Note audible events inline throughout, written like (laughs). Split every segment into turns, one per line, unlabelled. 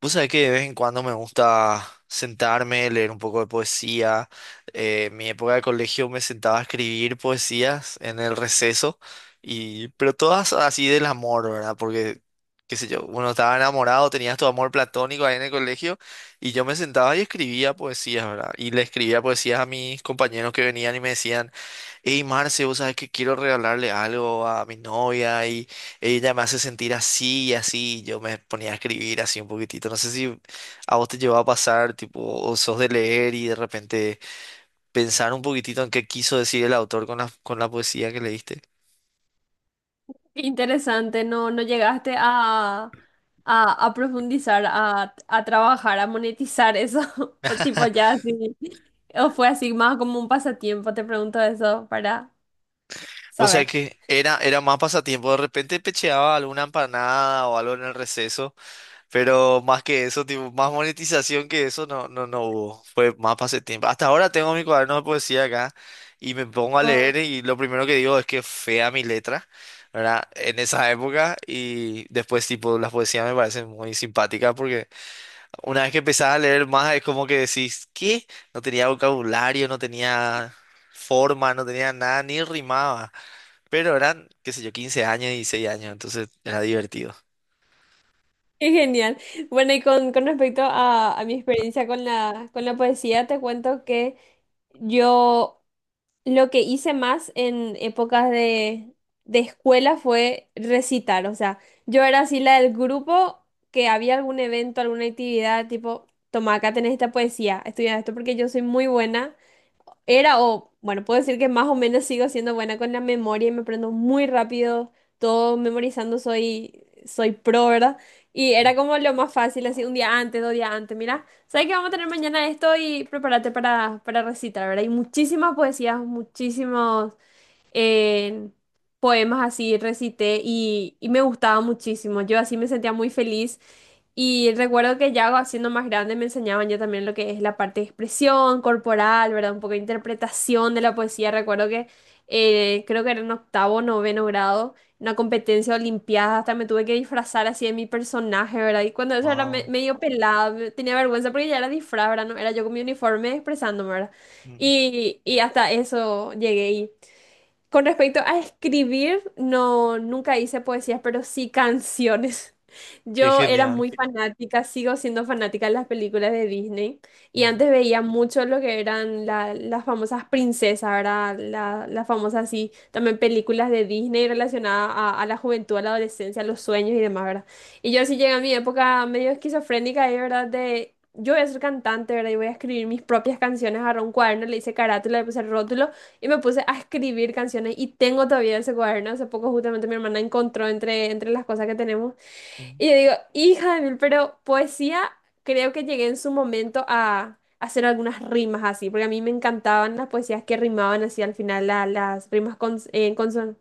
Vos sabés que de vez en cuando me gusta sentarme, leer un poco de poesía. En mi época de colegio me sentaba a escribir poesías en el receso, pero todas así del amor, ¿verdad? Porque, qué sé yo, uno estaba enamorado, tenías tu amor platónico ahí en el colegio, y yo me sentaba y escribía poesías, ¿verdad? Y le escribía poesías a mis compañeros que venían y me decían... Hey Marce, vos sabés que quiero regalarle algo a mi novia y ella me hace sentir así y así. Yo me ponía a escribir así un poquitito. No sé si a vos te llevó a pasar, tipo, o sos de leer y de repente pensar un poquitito en qué quiso decir el autor con la poesía que leíste.
Interesante, no, no llegaste a profundizar, a trabajar, a monetizar eso, (laughs) o tipo ya así, o fue así más como un pasatiempo. Te pregunto eso para
Vos sabés
saber.
que era más pasatiempo. De repente pecheaba alguna empanada o algo en el receso. Pero más que eso, tipo, más monetización que eso no, no, no hubo. Fue más pasatiempo. Hasta ahora tengo mi cuaderno de poesía acá y me pongo a
Wow.
leer y lo primero que digo es que fea mi letra, ¿verdad? En esa época y después, tipo, las poesías me parecen muy simpáticas porque una vez que empezás a leer más es como que decís, ¿qué? No tenía vocabulario, no tenía forma, no tenía nada, ni rimaba. Pero eran, qué sé yo, 15 años, 16 años, entonces era divertido.
Qué genial. Bueno, y con respecto a mi experiencia con la poesía, te cuento que yo... Lo que hice más en épocas de escuela fue recitar. O sea, yo era así la del grupo que había algún evento, alguna actividad, tipo, toma, acá tenés esta poesía, estudia esto porque yo soy muy buena era, o bueno, puedo decir que más o menos sigo siendo buena con la memoria y me aprendo muy rápido, todo memorizando, soy pro, ¿verdad? Y era como lo más fácil, así un día antes, dos días antes, mira, ¿sabes qué vamos a tener mañana esto? Y prepárate para recitar, ¿verdad? Hay muchísimas poesías, muchísimos eh, poemas así recité y me gustaba muchísimo, yo así me sentía muy feliz. Y recuerdo que ya siendo más grande me enseñaban ya también lo que es la parte de expresión corporal, ¿verdad? Un poco de interpretación de la poesía. Recuerdo que creo que era en octavo, noveno grado, una competencia olimpiada, hasta me tuve que disfrazar así de mi personaje, ¿verdad? Y cuando eso era
Wow,
medio pelada, tenía vergüenza porque ya era disfraz, ¿verdad? No, era yo con mi uniforme expresándome, ¿verdad?
mm,
Y hasta eso llegué. Con respecto a escribir, no, nunca hice poesías, pero sí canciones. (laughs)
qué
Yo era
genial.
muy fanática, sigo siendo fanática de las películas de Disney, y antes veía mucho lo que eran las famosas princesas, ¿verdad? Las famosas, así, también películas de Disney relacionadas a la juventud, a la adolescencia, a los sueños y demás, ¿verdad? Y yo sí llegué a mi época medio esquizofrénica ahí, ¿verdad? De yo voy a ser cantante, ¿verdad? Y voy a escribir mis propias canciones, agarré un cuaderno, le hice carátula, le puse rótulo. Y me puse a escribir canciones y tengo todavía ese cuaderno. Hace poco justamente mi hermana encontró entre las cosas que tenemos.
Ujú.
Y yo digo, hija de mil, pero poesía creo que llegué en su momento a hacer algunas rimas así, porque a mí me encantaban las poesías que rimaban así al final, las rimas con,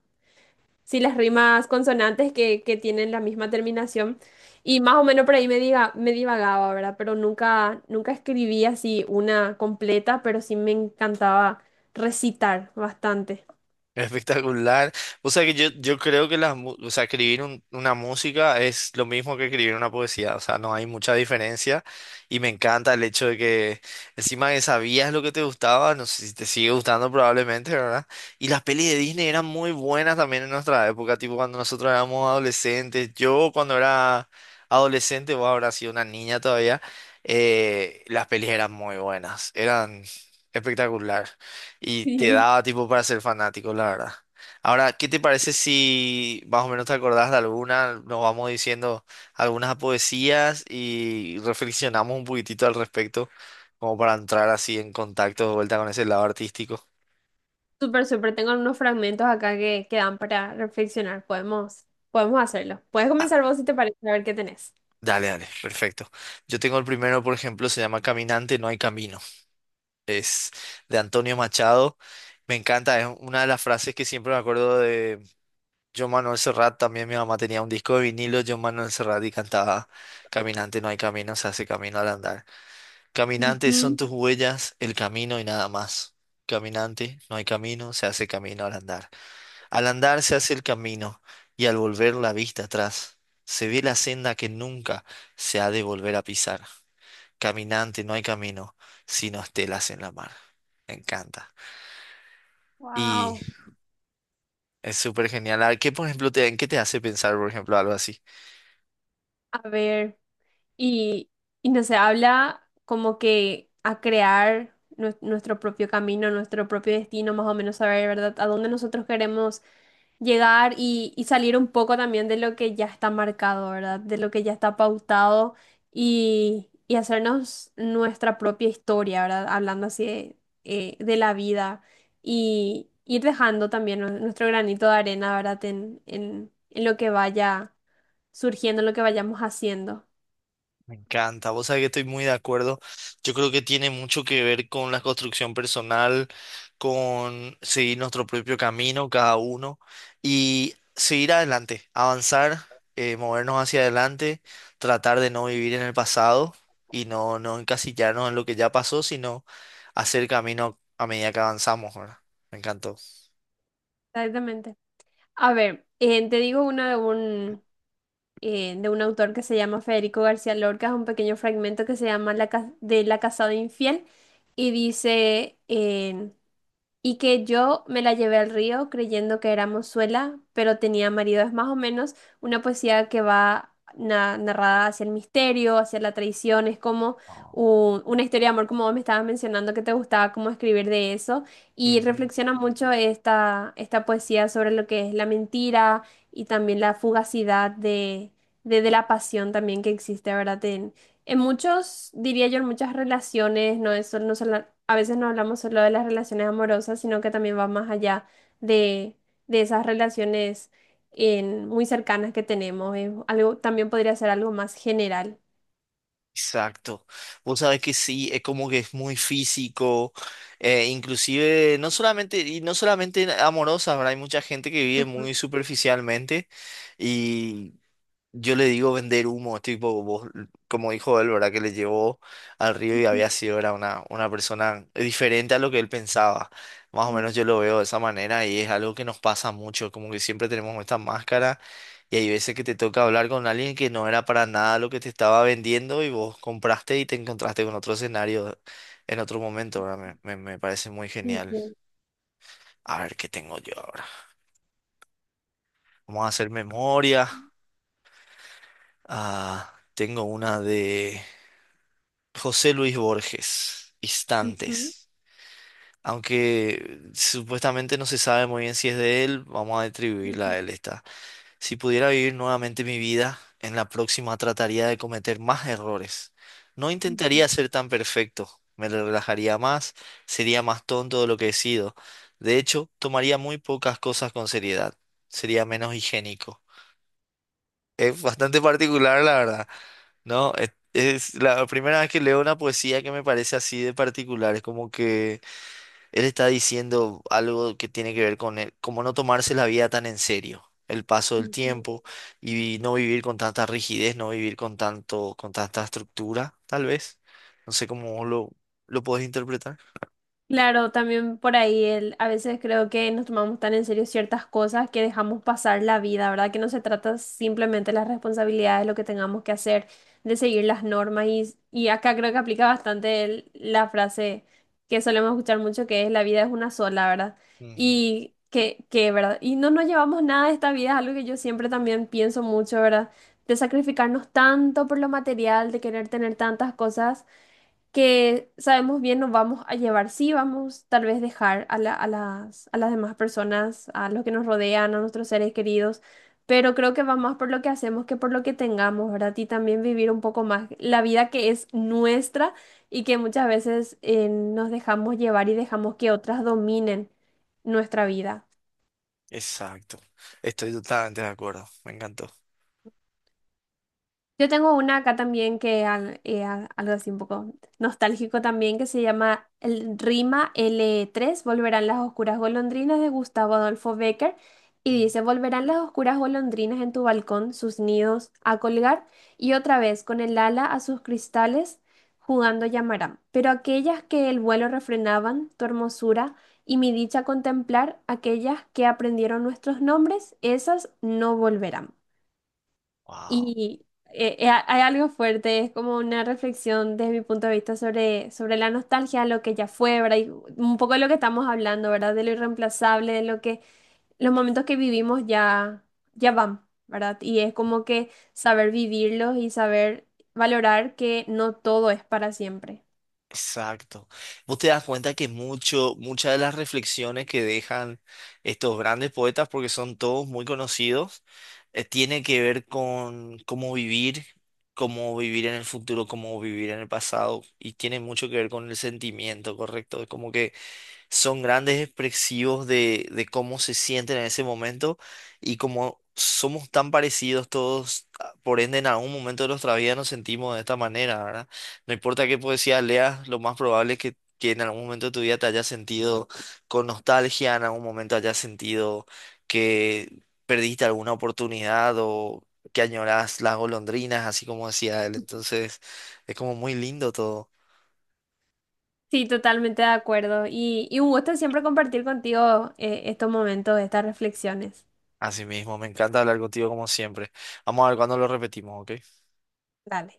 sí, las rimas consonantes que tienen la misma terminación. Y más o menos por ahí me diga, me divagaba, ¿verdad? Pero nunca, nunca escribí así una completa, pero sí me encantaba recitar bastante.
Espectacular. O sea que yo creo que o sea, escribir una música es lo mismo que escribir una poesía, o sea, no hay mucha diferencia y me encanta el hecho de que encima que sabías lo que te gustaba, no sé si te sigue gustando probablemente, ¿verdad? Y las pelis de Disney eran muy buenas también en nuestra época, tipo cuando nosotros éramos adolescentes, yo cuando era adolescente, vos habrás sido una niña todavía, las pelis eran muy buenas, eran espectacular. Y te
Sí.
daba tipo para ser fanático, la verdad. Ahora, ¿qué te parece si más o menos te acordás de alguna? Nos vamos diciendo algunas poesías y reflexionamos un poquitito al respecto, como para entrar así en contacto de vuelta con ese lado artístico.
Súper, súper. Tengo unos fragmentos acá que dan para reflexionar. Podemos, podemos hacerlo. Puedes
Ah,
comenzar vos si te parece, a ver qué tenés.
dale, dale, perfecto. Yo tengo el primero, por ejemplo, se llama Caminante, no hay camino. Es de Antonio Machado. Me encanta, es una de las frases que siempre me acuerdo. Yo Manuel Serrat, también mi mamá tenía un disco de vinilo, yo Manuel Serrat y cantaba Caminante no hay camino, se hace camino al andar. Caminante son
Ujú.
tus huellas, el camino y nada más. Caminante no hay camino, se hace camino al andar. Al andar se hace el camino y al volver la vista atrás, se ve la senda que nunca se ha de volver a pisar. Caminante no hay camino, sino estelas en la mar. Me encanta. Y
Wow.
es súper genial. A ver, ¿qué, por ejemplo, te, en qué te hace pensar, por ejemplo, algo así?
A ver, y, y no se habla como que a crear nuestro propio camino, nuestro propio destino, más o menos saber, ¿verdad? A dónde nosotros queremos llegar y salir un poco también de lo que ya está marcado, ¿verdad? De lo que ya está pautado y hacernos nuestra propia historia, ¿verdad? Hablando así de la vida y ir dejando también nuestro granito de arena, ¿verdad? En lo que vaya surgiendo, en lo que vayamos haciendo.
Me encanta, vos sabés que estoy muy de acuerdo. Yo creo que tiene mucho que ver con la construcción personal, con seguir nuestro propio camino, cada uno, y seguir adelante, avanzar, movernos hacia adelante, tratar de no vivir en el pasado y no, no encasillarnos en lo que ya pasó, sino hacer camino a medida que avanzamos, ¿verdad? Me encantó.
Exactamente. A ver, te digo una de un autor que se llama Federico García Lorca, es un pequeño fragmento que se llama la, de La casada infiel y dice, y que yo me la llevé al río creyendo que era mozuela, pero tenía marido. Es más o menos una poesía que va narrada hacia el misterio, hacia la traición, es como
No.
una historia de amor, como vos me estabas mencionando que te gustaba cómo escribir de eso, y
Ujú.
reflexiona mucho esta, esta poesía sobre lo que es la mentira y también la fugacidad de la pasión también que existe, ¿verdad? En muchos, diría yo, en muchas relaciones, no es solo, no solo, a veces no hablamos solo de las relaciones amorosas, sino que también va más allá de, de esas relaciones muy cercanas que tenemos. Es algo, también podría ser algo más general.
Exacto. Vos sabés que sí, es como que es muy físico, inclusive no solamente, y no solamente amorosa, ¿verdad? Hay mucha gente que vive
Ujú,
muy superficialmente, yo le digo vender humo, tipo, vos, como dijo él, ¿verdad? Que le llevó al río y
ujú,
había sido, era una persona diferente a lo que él pensaba. Más o menos
sí,
yo lo veo de esa manera y es algo que nos pasa mucho, como que siempre tenemos esta máscara y hay veces que te toca hablar con alguien que no era para nada lo que te estaba vendiendo y vos compraste y te encontraste con otro escenario en otro momento, ¿verdad? Me parece muy
sí,
genial.
sí.
A ver, ¿qué tengo yo ahora? Vamos a hacer memoria. Ah, tengo una de... José Luis Borges,
Ujú,
Instantes. Aunque supuestamente no se sabe muy bien si es de él, vamos a atribuirla
ujú,
a él esta. Si pudiera vivir nuevamente mi vida, en la próxima trataría de cometer más errores. No
ujú,
intentaría ser tan perfecto, me relajaría más, sería más tonto de lo que he sido. De hecho, tomaría muy pocas cosas con seriedad, sería menos higiénico. Es bastante particular, la verdad. No, es la primera vez que leo una poesía que me parece así de particular. Es como que él está diciendo algo que tiene que ver con él, como no tomarse la vida tan en serio, el paso del
ujú.
tiempo y no vivir con tanta rigidez, no vivir con tanto, con tanta estructura, tal vez. No sé cómo vos lo podés interpretar.
Claro, también por ahí el, a veces creo que nos tomamos tan en serio ciertas cosas que dejamos pasar la vida, ¿verdad? Que no se trata simplemente de las responsabilidades, lo que tengamos que hacer, de seguir las normas y acá creo que aplica bastante la frase que solemos escuchar mucho que es la vida es una sola, ¿verdad?
Ujú.
Y que, ¿verdad? Y no nos llevamos nada de esta vida, es algo que yo siempre también pienso mucho, ¿verdad? De sacrificarnos tanto por lo material, de querer tener tantas cosas que sabemos bien nos vamos a llevar, sí vamos tal vez dejar a a las demás personas, a los que nos rodean, a nuestros seres queridos, pero creo que va más por lo que hacemos que por lo que tengamos, ¿verdad? Y también vivir un poco más la vida que es nuestra y que muchas veces nos dejamos llevar y dejamos que otras dominen nuestra vida.
Exacto. Estoy totalmente de acuerdo. Me encantó.
Yo tengo una acá también que algo así un poco nostálgico también que se llama el Rima L3, Volverán las oscuras golondrinas de Gustavo Adolfo Bécquer y dice, Volverán las oscuras golondrinas en tu balcón, sus nidos a colgar y otra vez con el ala a sus cristales jugando llamarán. Pero aquellas que el vuelo refrenaban, tu hermosura y mi dicha contemplar, aquellas que aprendieron nuestros nombres, esas no volverán.
Wow.
Y hay algo fuerte, es como una reflexión desde mi punto de vista sobre, sobre la nostalgia, lo que ya fue, ¿verdad? Y un poco de lo que estamos hablando, ¿verdad? De lo irreemplazable, de lo que los momentos que vivimos ya, ya van, ¿verdad? Y es como que saber vivirlos y saber valorar que no todo es para siempre.
Exacto. Vos te das cuenta que mucho, muchas de las reflexiones que dejan estos grandes poetas, porque son todos muy conocidos, tiene que ver con cómo vivir en el futuro, cómo vivir en el pasado, y tiene mucho que ver con el sentimiento, ¿correcto? Es como que son grandes expresivos de cómo se sienten en ese momento y como somos tan parecidos todos, por ende en algún momento de nuestra vida nos sentimos de esta manera, ¿verdad? No importa qué poesía leas, lo más probable es que en algún momento de tu vida te hayas sentido con nostalgia, en algún momento hayas sentido que perdiste alguna oportunidad o que añoras las golondrinas, así como decía él. Entonces, es como muy lindo todo.
Sí, totalmente de acuerdo. Y un gusto siempre compartir contigo estos momentos, estas reflexiones.
Así mismo, me encanta hablar contigo como siempre. Vamos a ver cuándo lo repetimos, ¿ok?
Dale.